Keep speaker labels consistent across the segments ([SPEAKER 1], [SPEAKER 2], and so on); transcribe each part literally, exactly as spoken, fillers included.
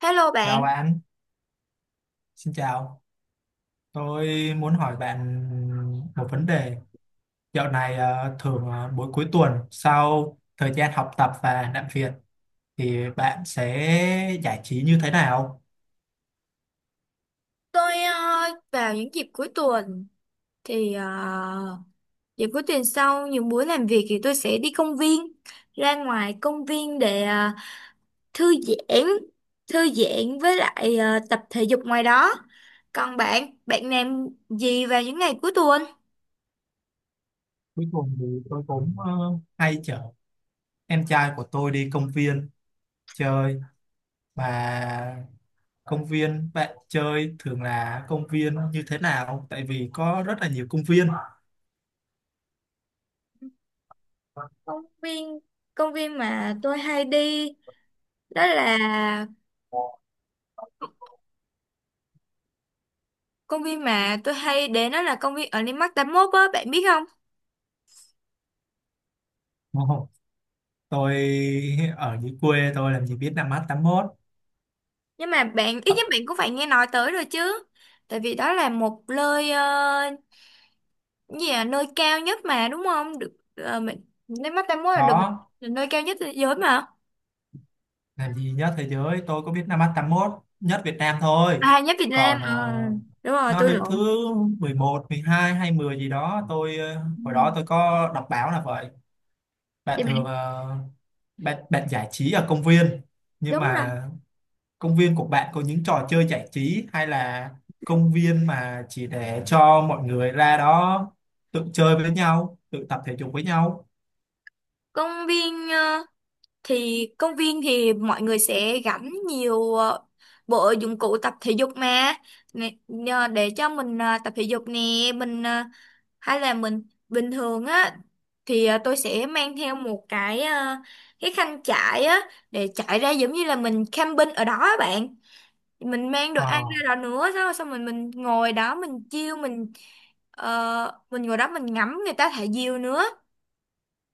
[SPEAKER 1] Hello
[SPEAKER 2] Chào
[SPEAKER 1] bạn,
[SPEAKER 2] bạn, xin chào. Tôi muốn hỏi bạn một vấn đề. Dạo này ờ, thường ờ, mỗi cuối tuần sau thời gian học tập và làm việc thì bạn sẽ giải trí như thế nào?
[SPEAKER 1] tôi ờ, vào những dịp cuối tuần thì ờ, dịp cuối tuần sau những buổi làm việc thì tôi sẽ đi công viên, ra ngoài công viên để ờ, thư giãn, thư giãn với lại ờ, tập thể dục ngoài đó. Còn bạn, bạn làm gì vào những ngày cuối tuần?
[SPEAKER 2] Cuối tuần thì tôi cũng ờ, hay chở em trai của tôi đi công viên chơi mà công viên bạn chơi thường là công viên như thế nào? Tại vì có rất là nhiều công viên.
[SPEAKER 1] Công viên, công viên mà tôi hay đi đó là công viên mà tôi hay đến đó là công viên ở Landmark tám mốt á, bạn biết không?
[SPEAKER 2] Ồ, Tôi ở dưới quê tôi làm gì biết năm mát tám mốt.
[SPEAKER 1] Nhưng mà bạn ít
[SPEAKER 2] Ờ,
[SPEAKER 1] nhất bạn cũng phải nghe nói tới rồi chứ, tại vì đó là một nơi ờ, cái gì à, nơi cao nhất mà đúng không, được ờ, mình nếu mắt ta muốn là được
[SPEAKER 2] có
[SPEAKER 1] là nơi cao nhất thế giới mà.
[SPEAKER 2] làm gì nhất thế giới tôi có biết năm mắt tám mốt nhất Việt Nam thôi.
[SPEAKER 1] À, nhất Việt Nam.
[SPEAKER 2] Còn
[SPEAKER 1] Ờ,
[SPEAKER 2] ờ,
[SPEAKER 1] Đúng rồi,
[SPEAKER 2] nó
[SPEAKER 1] tôi
[SPEAKER 2] đứng thứ
[SPEAKER 1] lộn.
[SPEAKER 2] mười một mười hai hay mười gì đó tôi ờ,
[SPEAKER 1] Ừ.
[SPEAKER 2] hồi đó tôi có đọc báo là vậy. Bạn
[SPEAKER 1] Thì bạn,
[SPEAKER 2] thường ờ, bạn bạn giải trí ở công viên, nhưng
[SPEAKER 1] đúng rồi.
[SPEAKER 2] mà công viên của bạn có những trò chơi giải trí hay là công viên mà chỉ để cho mọi người ra đó tự chơi với nhau, tự tập thể dục với nhau?
[SPEAKER 1] Công viên ờ, thì công viên thì mọi người sẽ gắn nhiều ờ, bộ dụng cụ tập thể dục mà. Nè, nhờ để cho mình ờ, tập thể dục nè, mình ờ, hay là mình bình thường á thì à, tôi sẽ mang theo một cái, à, cái khăn trải á, để trải ra giống như là mình camping ở đó á bạn. Mình mang đồ
[SPEAKER 2] Ờ.
[SPEAKER 1] ăn ra đó nữa, xong xong mình mình ngồi đó, mình chiêu mình, ờ, mình ngồi đó mình ngắm người ta thả diều nữa,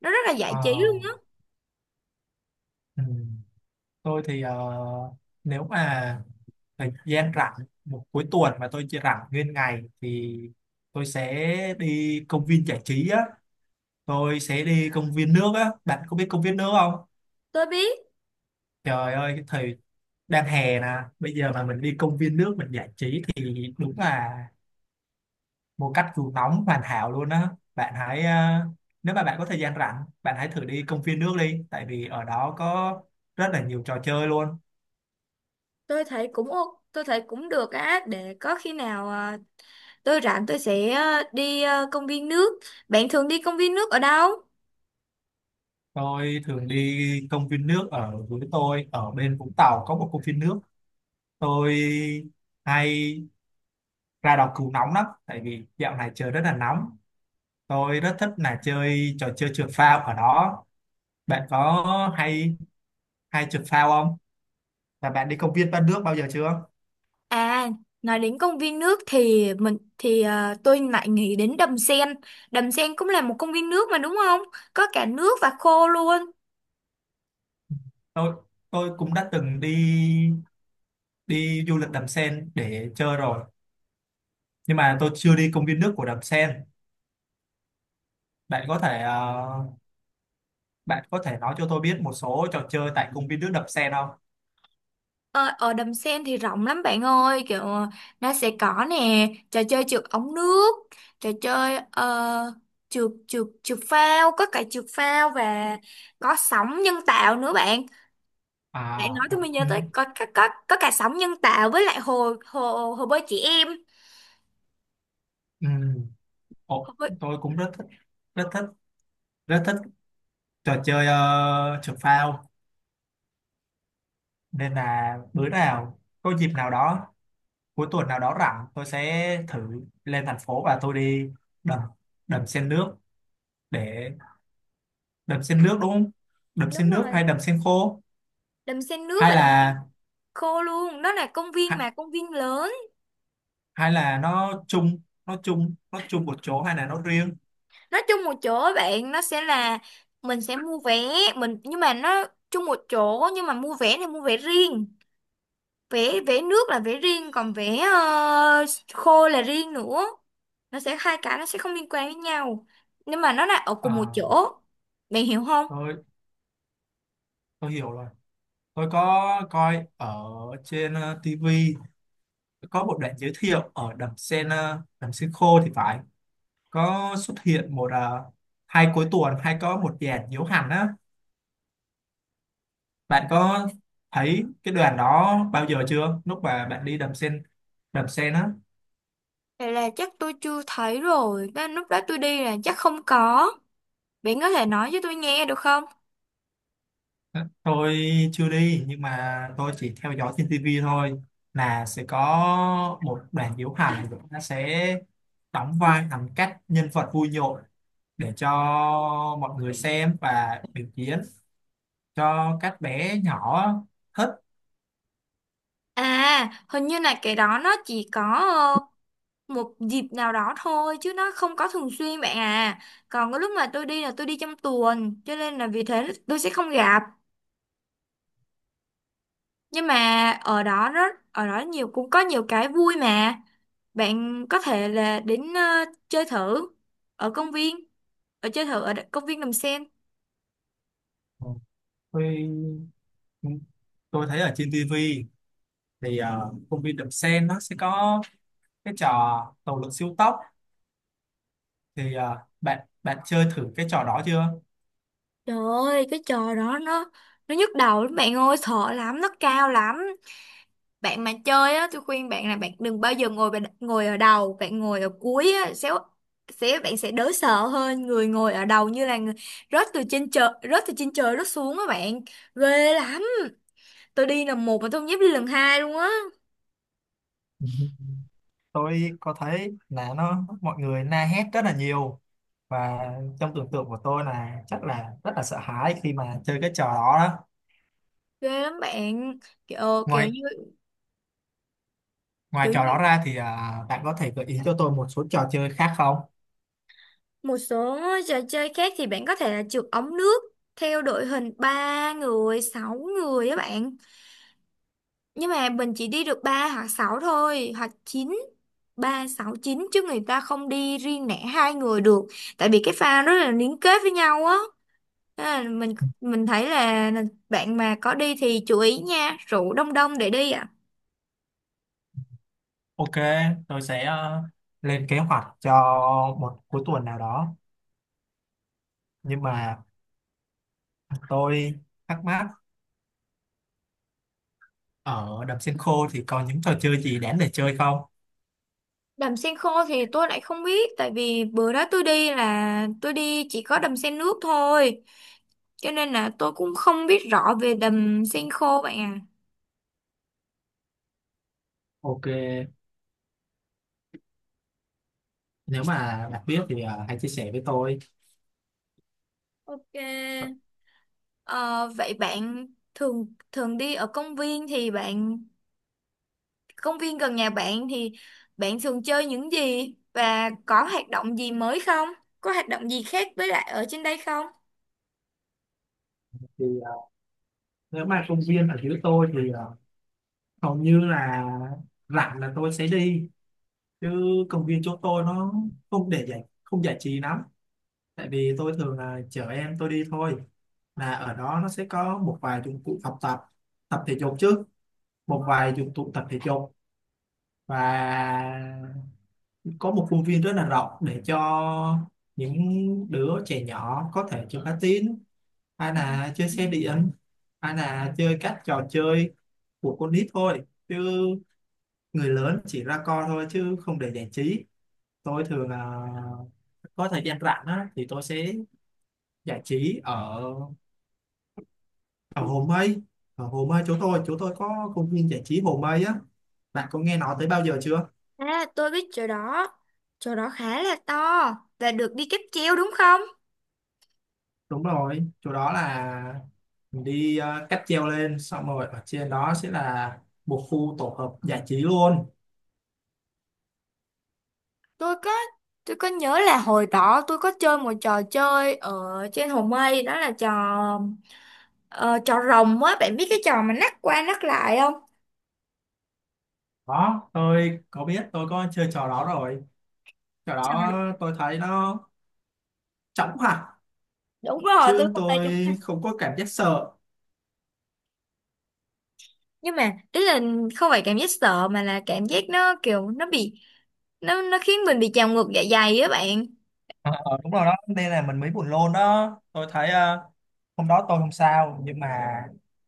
[SPEAKER 1] nó rất là giải
[SPEAKER 2] Ờ.
[SPEAKER 1] trí luôn á.
[SPEAKER 2] Ừ. Tôi thì ờ, nếu mà thời gian rảnh một cuối tuần mà tôi chỉ rảnh nguyên ngày thì tôi sẽ đi công viên giải trí á. Tôi sẽ đi công viên nước á, bạn có biết công viên nước không?
[SPEAKER 1] Tôi biết.
[SPEAKER 2] Trời ơi, cái thời đang hè nè, bây giờ mà mình đi công viên nước mình giải trí thì đúng là một cách cứu nóng hoàn hảo luôn á. Bạn hãy ờ, nếu mà bạn có thời gian rảnh bạn hãy thử đi công viên nước đi, tại vì ở đó có rất là nhiều trò chơi luôn.
[SPEAKER 1] Tôi thấy cũng ô- tôi thấy cũng được á. Để có khi nào à, tôi rảnh tôi sẽ à, đi à, công viên nước. Bạn thường đi công viên nước ở đâu?
[SPEAKER 2] Tôi thường đi công viên nước ở, với tôi ở bên Vũng Tàu có một công viên nước tôi hay ra đọc cứu nóng lắm tại vì dạo này trời rất là nóng. Tôi rất thích là chơi trò chơi trượt phao ở đó. Bạn có hay hay trượt phao không, và bạn đi công viên ba nước bao giờ chưa?
[SPEAKER 1] À, nói đến công viên nước thì mình thì à, tôi lại nghĩ đến Đầm Sen. Đầm Sen cũng là một công viên nước mà đúng không? Có cả nước và khô luôn.
[SPEAKER 2] Tôi tôi cũng đã từng đi đi du lịch Đầm Sen để chơi rồi, nhưng mà tôi chưa đi công viên nước của Đầm Sen. bạn có thể ờ, Bạn có thể nói cho tôi biết một số trò chơi tại công viên nước Đầm Sen không?
[SPEAKER 1] Ờ, ở Đầm Sen thì rộng lắm bạn ơi, kiểu ờ, nó sẽ có nè, trò chơi trượt ống nước, trò chơi ờ, trượt trượt trượt phao, có cả trượt phao và có sóng nhân tạo nữa bạn.
[SPEAKER 2] À.
[SPEAKER 1] Để nói tôi mới nhớ
[SPEAKER 2] Ừ.
[SPEAKER 1] tới, có có có, có cả sóng nhân tạo với lại hồ hồ hồ bơi trẻ em.
[SPEAKER 2] Ừ. Ồ,
[SPEAKER 1] Hồ bơi,
[SPEAKER 2] tôi cũng rất thích rất thích rất thích trò chơi ờ, trượt phao, nên là bữa nào có dịp nào đó cuối tuần nào đó rảnh tôi sẽ thử lên thành phố và tôi đi đầm đầm sen nước để đầm sen nước đúng không? Đầm
[SPEAKER 1] đúng
[SPEAKER 2] sen nước
[SPEAKER 1] rồi,
[SPEAKER 2] hay đầm sen khô,
[SPEAKER 1] đầm sen nước
[SPEAKER 2] hay
[SPEAKER 1] và đầm sen
[SPEAKER 2] là
[SPEAKER 1] khô luôn, đó là công viên,
[SPEAKER 2] hay,
[SPEAKER 1] mà công viên lớn.
[SPEAKER 2] hay là nó chung nó chung nó chung một chỗ hay là nó riêng?
[SPEAKER 1] Nó chung một chỗ á bạn, nó sẽ là mình sẽ mua vé, mình nhưng mà nó chung một chỗ nhưng mà mua vé thì mua vé riêng, vé vé nước là vé riêng, còn vé ờ, khô là riêng nữa, nó sẽ hai cái, nó sẽ không liên quan với nhau, nhưng mà nó là ở cùng một
[SPEAKER 2] À,
[SPEAKER 1] chỗ. Bạn hiểu không?
[SPEAKER 2] tôi tôi hiểu rồi. Tôi có coi ở trên uh, ti vi có một đoạn giới thiệu ở đầm sen ờ, đầm sen khô thì phải có xuất hiện một à, hai cuối tuần hay có một dàn diễu hành á. Bạn có thấy cái đoàn đó bao giờ chưa lúc mà bạn đi đầm sen đầm sen á?
[SPEAKER 1] Vậy là chắc tôi chưa thấy rồi đó, lúc đó tôi đi là chắc không có. Bạn có thể nói cho tôi nghe được không?
[SPEAKER 2] Tôi chưa đi nhưng mà tôi chỉ theo dõi trên tivi thôi, là sẽ có một đoàn diễu hành nó sẽ đóng vai làm các nhân vật vui nhộn để cho mọi người xem và biểu diễn cho các bé nhỏ thích.
[SPEAKER 1] À, hình như là cái đó nó chỉ có một dịp nào đó thôi chứ nó không có thường xuyên bạn à. Còn cái lúc mà tôi đi là tôi đi trong tuần, cho nên là vì thế tôi sẽ không gặp. Nhưng mà ở đó rất, ở đó nhiều, cũng có nhiều cái vui mà. Bạn có thể là đến ờ, chơi thử ở công viên, ở chơi thử ở đ- công viên Đầm Sen.
[SPEAKER 2] Tôi tôi thấy ở trên tivi thì ờ, công viên Đầm Sen nó sẽ có cái trò tàu lượn siêu tốc, thì ờ, bạn bạn chơi thử cái trò đó chưa?
[SPEAKER 1] Trời ơi, cái trò đó nó, nó nhức đầu lắm bạn ơi, sợ lắm, nó cao lắm. Bạn mà chơi á, tôi khuyên bạn là bạn đừng bao giờ ngồi bạn- ngồi ở đầu, bạn ngồi ở cuối á sẽ, sẽ bạn sẽ đỡ sợ hơn. Người ngồi ở đầu như là người rớt từ trên trời, rớt từ trên trời rớt xuống á bạn, ghê lắm. Tôi đi lần một mà tôi không dám đi lần hai luôn á.
[SPEAKER 2] Ừ. Tôi có thấy là nó mọi người la hét rất là nhiều, và trong tưởng tượng của tôi là chắc là rất là sợ hãi khi mà chơi cái trò đó đó.
[SPEAKER 1] Ghê lắm bạn, kiểu kiểu
[SPEAKER 2] Ngoài
[SPEAKER 1] như,
[SPEAKER 2] ngoài
[SPEAKER 1] kiểu
[SPEAKER 2] trò đó
[SPEAKER 1] như
[SPEAKER 2] ra thì à, bạn có thể gợi ý cho tôi một số trò chơi khác không?
[SPEAKER 1] một số trò chơi khác thì bạn có thể là trượt ống nước theo đội hình ba người sáu người á bạn. Nhưng mà mình chỉ đi được ba hoặc sáu thôi, hoặc chín, ba sáu chín, chứ người ta không đi riêng lẻ hai người được. Tại vì cái pha rất là liên kết với nhau á. Thế là mình mình thấy là là bạn mà có đi thì chú ý nha, rượu đông đông để đi ạ.
[SPEAKER 2] Ok, tôi sẽ ờ, lên kế hoạch cho một cuối tuần nào đó. Nhưng mà tôi thắc mắc ở đầm sen khô thì còn những trò chơi gì đáng để chơi không?
[SPEAKER 1] Đầm sen khô thì tôi lại không biết, tại vì bữa đó tôi đi là tôi đi chỉ có đầm sen nước thôi. Cho nên là tôi cũng không biết rõ về đầm sen khô bạn à.
[SPEAKER 2] Ok, nếu mà bạn biết thì ờ, hãy chia sẻ với tôi.
[SPEAKER 1] Ok. Ờ, vậy bạn thường thường đi ở công viên, thì bạn, công viên gần nhà bạn thì bạn thường chơi những gì và có hoạt động gì mới không? Có hoạt động gì khác với lại ở trên đây không?
[SPEAKER 2] Thì ờ, nếu mà công viên ở dưới tôi thì ờ, hầu như là rảnh là tôi sẽ đi. Chứ công viên chỗ tôi nó không để giải không giải trí lắm. Tại vì tôi thường là chở em tôi đi thôi. Là ở đó nó sẽ có một vài dụng cụ học tập, tập thể dục chứ, một vài dụng cụ tập thể dục, và có một khuôn viên rất là rộng để cho những đứa trẻ nhỏ có thể chơi cá tín hay là chơi
[SPEAKER 1] Ừ.
[SPEAKER 2] xe điện hay là chơi các trò chơi của con nít thôi, chứ người lớn chỉ ra coi thôi chứ không để giải trí. Tôi thường là có thời gian rảnh á, thì tôi sẽ giải trí ở ở Hồ Mây. Ở Hồ Mây chỗ tôi chỗ tôi có công viên giải trí Hồ Mây á, bạn có nghe nói tới bao giờ chưa?
[SPEAKER 1] À, tôi biết chỗ đó. Chỗ đó khá là to và được đi cáp treo đúng không?
[SPEAKER 2] Đúng rồi, chỗ đó là mình đi ờ, cáp treo lên xong rồi ở trên đó sẽ là một khu tổ hợp giải trí luôn.
[SPEAKER 1] Tôi có tôi có nhớ là hồi đó tôi có chơi một trò chơi ở trên Hồ Mây, đó là trò ờ, trò rồng á, bạn biết cái trò mà nắc qua nắc lại không?
[SPEAKER 2] Đó tôi có biết, tôi có chơi trò đó rồi. Trò đó tôi thấy nó chóng hẳn,
[SPEAKER 1] Đúng rồi, tôi
[SPEAKER 2] chứ
[SPEAKER 1] không tay chúng
[SPEAKER 2] tôi
[SPEAKER 1] anh.
[SPEAKER 2] không có cảm giác sợ.
[SPEAKER 1] Nhưng mà ý là không phải cảm giác sợ, mà là cảm giác nó kiểu nó bị, nó nó khiến mình bị trào ngược dạ dày á bạn.
[SPEAKER 2] Ờ, đúng rồi đó nên là mình mới buồn lôn đó. Tôi thấy ờ, hôm đó tôi không sao, nhưng mà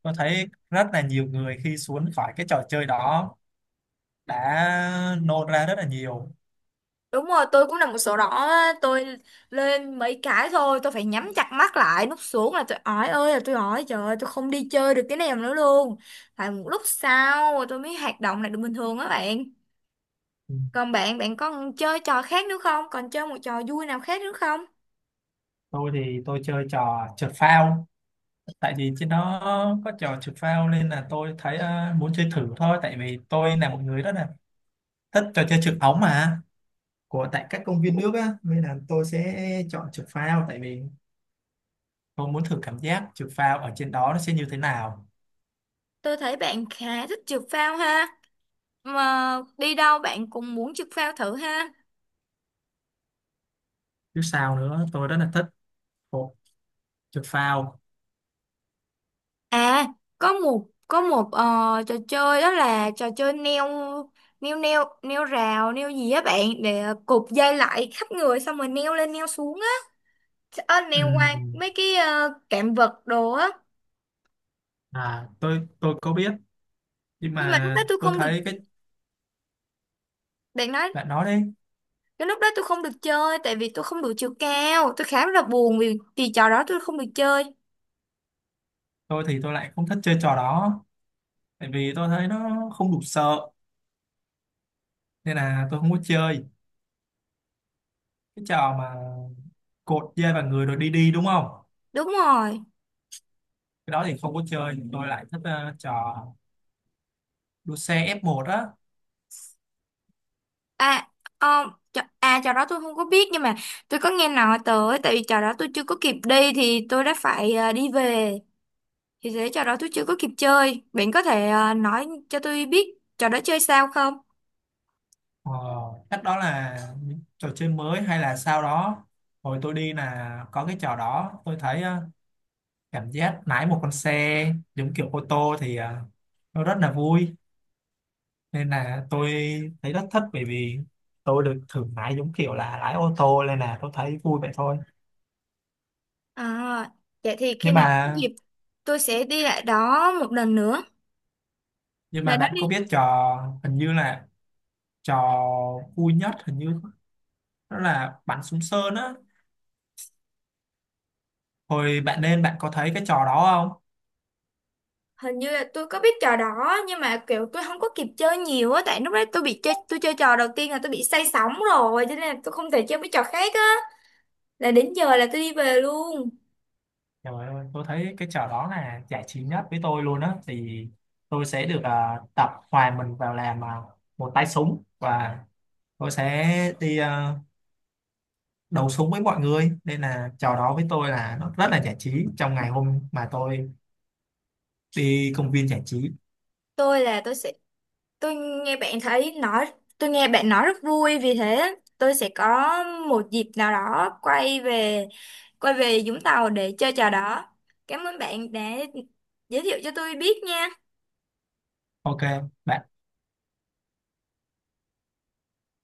[SPEAKER 2] tôi thấy rất là nhiều người khi xuống khỏi cái trò chơi đó đã nôn ra rất là nhiều.
[SPEAKER 1] Đúng rồi, tôi cũng là một sổ đỏ á, tôi lên mấy cái thôi tôi phải nhắm chặt mắt lại, nút xuống là tôi ói, ơi là tôi ói, trời ơi, tôi không đi chơi được cái nào nữa luôn. Phải một lúc sau tôi mới hoạt động lại được bình thường á bạn.
[SPEAKER 2] Ừ.
[SPEAKER 1] Còn bạn, bạn có chơi trò khác nữa không, còn chơi một trò vui nào khác nữa không?
[SPEAKER 2] Tôi thì tôi chơi trò trượt phao, tại vì trên đó có trò trượt phao nên là tôi thấy ờ, muốn chơi thử thôi, tại vì tôi là một người rất là thích trò chơi trượt ống mà của tại các công viên nước á, nên là tôi sẽ chọn trượt phao tại vì tôi muốn thử cảm giác trượt phao ở trên đó nó sẽ như thế nào.
[SPEAKER 1] Tôi thấy bạn khá thích trượt phao ha. Mà đi đâu bạn cũng muốn trượt phao thử ha.
[SPEAKER 2] Chứ sao nữa, tôi rất là thích bộ trượt phao.
[SPEAKER 1] À, có một có một ờ, trò chơi, đó là trò chơi neo, neo neo neo rào, neo gì á bạn, để cột dây lại khắp người xong rồi neo lên neo xuống á. Ờ, neo qua
[SPEAKER 2] Ừm,
[SPEAKER 1] mấy cái ờ, cạm vật đồ á.
[SPEAKER 2] à tôi tôi có biết nhưng
[SPEAKER 1] Nhưng mà lúc đó
[SPEAKER 2] mà
[SPEAKER 1] tôi
[SPEAKER 2] tôi
[SPEAKER 1] không được,
[SPEAKER 2] thấy cái
[SPEAKER 1] bạn nói.
[SPEAKER 2] bạn nói đấy.
[SPEAKER 1] Cái lúc đó tôi không được chơi, tại vì tôi không đủ chiều cao. Tôi khá là buồn vì vì trò đó tôi không được chơi.
[SPEAKER 2] Tôi thì tôi lại không thích chơi trò đó, tại vì tôi thấy nó không đủ sợ nên là tôi không có chơi cái trò mà cột dây vào người rồi đi đi đúng không?
[SPEAKER 1] Đúng rồi.
[SPEAKER 2] Cái đó thì không có chơi, tôi lại thích ờ, trò đua xe ép một á.
[SPEAKER 1] À, ờ, trò- à trò đó tôi không có biết, nhưng mà tôi có nghe nói tới. Tại vì trò đó tôi chưa có kịp đi thì tôi đã phải ờ, đi về, thì thế trò đó tôi chưa có kịp chơi. Bạn có thể ờ, nói cho tôi biết trò đó chơi sao không?
[SPEAKER 2] ờ, Cách đó là những trò chơi mới hay là sau đó, hồi tôi đi là có cái trò đó tôi thấy ờ, cảm giác lái một con xe giống kiểu ô tô thì ờ, nó rất là vui, nên là tôi thấy rất thích bởi vì tôi được thử lái giống kiểu là lái ô tô nên là tôi thấy vui vậy thôi.
[SPEAKER 1] À, vậy thì khi
[SPEAKER 2] nhưng
[SPEAKER 1] nào có
[SPEAKER 2] mà
[SPEAKER 1] dịp tôi sẽ đi lại đó một lần nữa.
[SPEAKER 2] nhưng mà
[SPEAKER 1] Bạn nói
[SPEAKER 2] bạn
[SPEAKER 1] đi.
[SPEAKER 2] có biết trò hình như là trò vui nhất hình như đó là bắn súng sơn á, hồi bạn lên bạn có thấy cái trò đó không?
[SPEAKER 1] Hình như là tôi có biết trò đó, nhưng mà kiểu tôi không có kịp chơi nhiều á, tại lúc đấy tôi bị chơi, tôi chơi trò đầu tiên là tôi bị say sóng rồi, cho nên là tôi không thể chơi mấy trò khác á, là đến giờ là tôi đi về luôn.
[SPEAKER 2] Trời ơi, tôi thấy cái trò đó là giải trí nhất với tôi luôn á, thì tôi sẽ được à, tập hòa mình vào làm à, một tay súng và tôi sẽ đi à, đấu súng với mọi người, nên là trò đó với tôi là nó rất là giải trí trong ngày hôm mà tôi đi công viên giải trí.
[SPEAKER 1] tôi là tôi sẽ tôi nghe bạn thấy nói, tôi nghe bạn nói rất vui, vì thế tôi sẽ có một dịp nào đó quay về, quay về Vũng Tàu để chơi trò đó. Cảm ơn bạn đã giới thiệu cho tôi biết nha.
[SPEAKER 2] Ok bạn.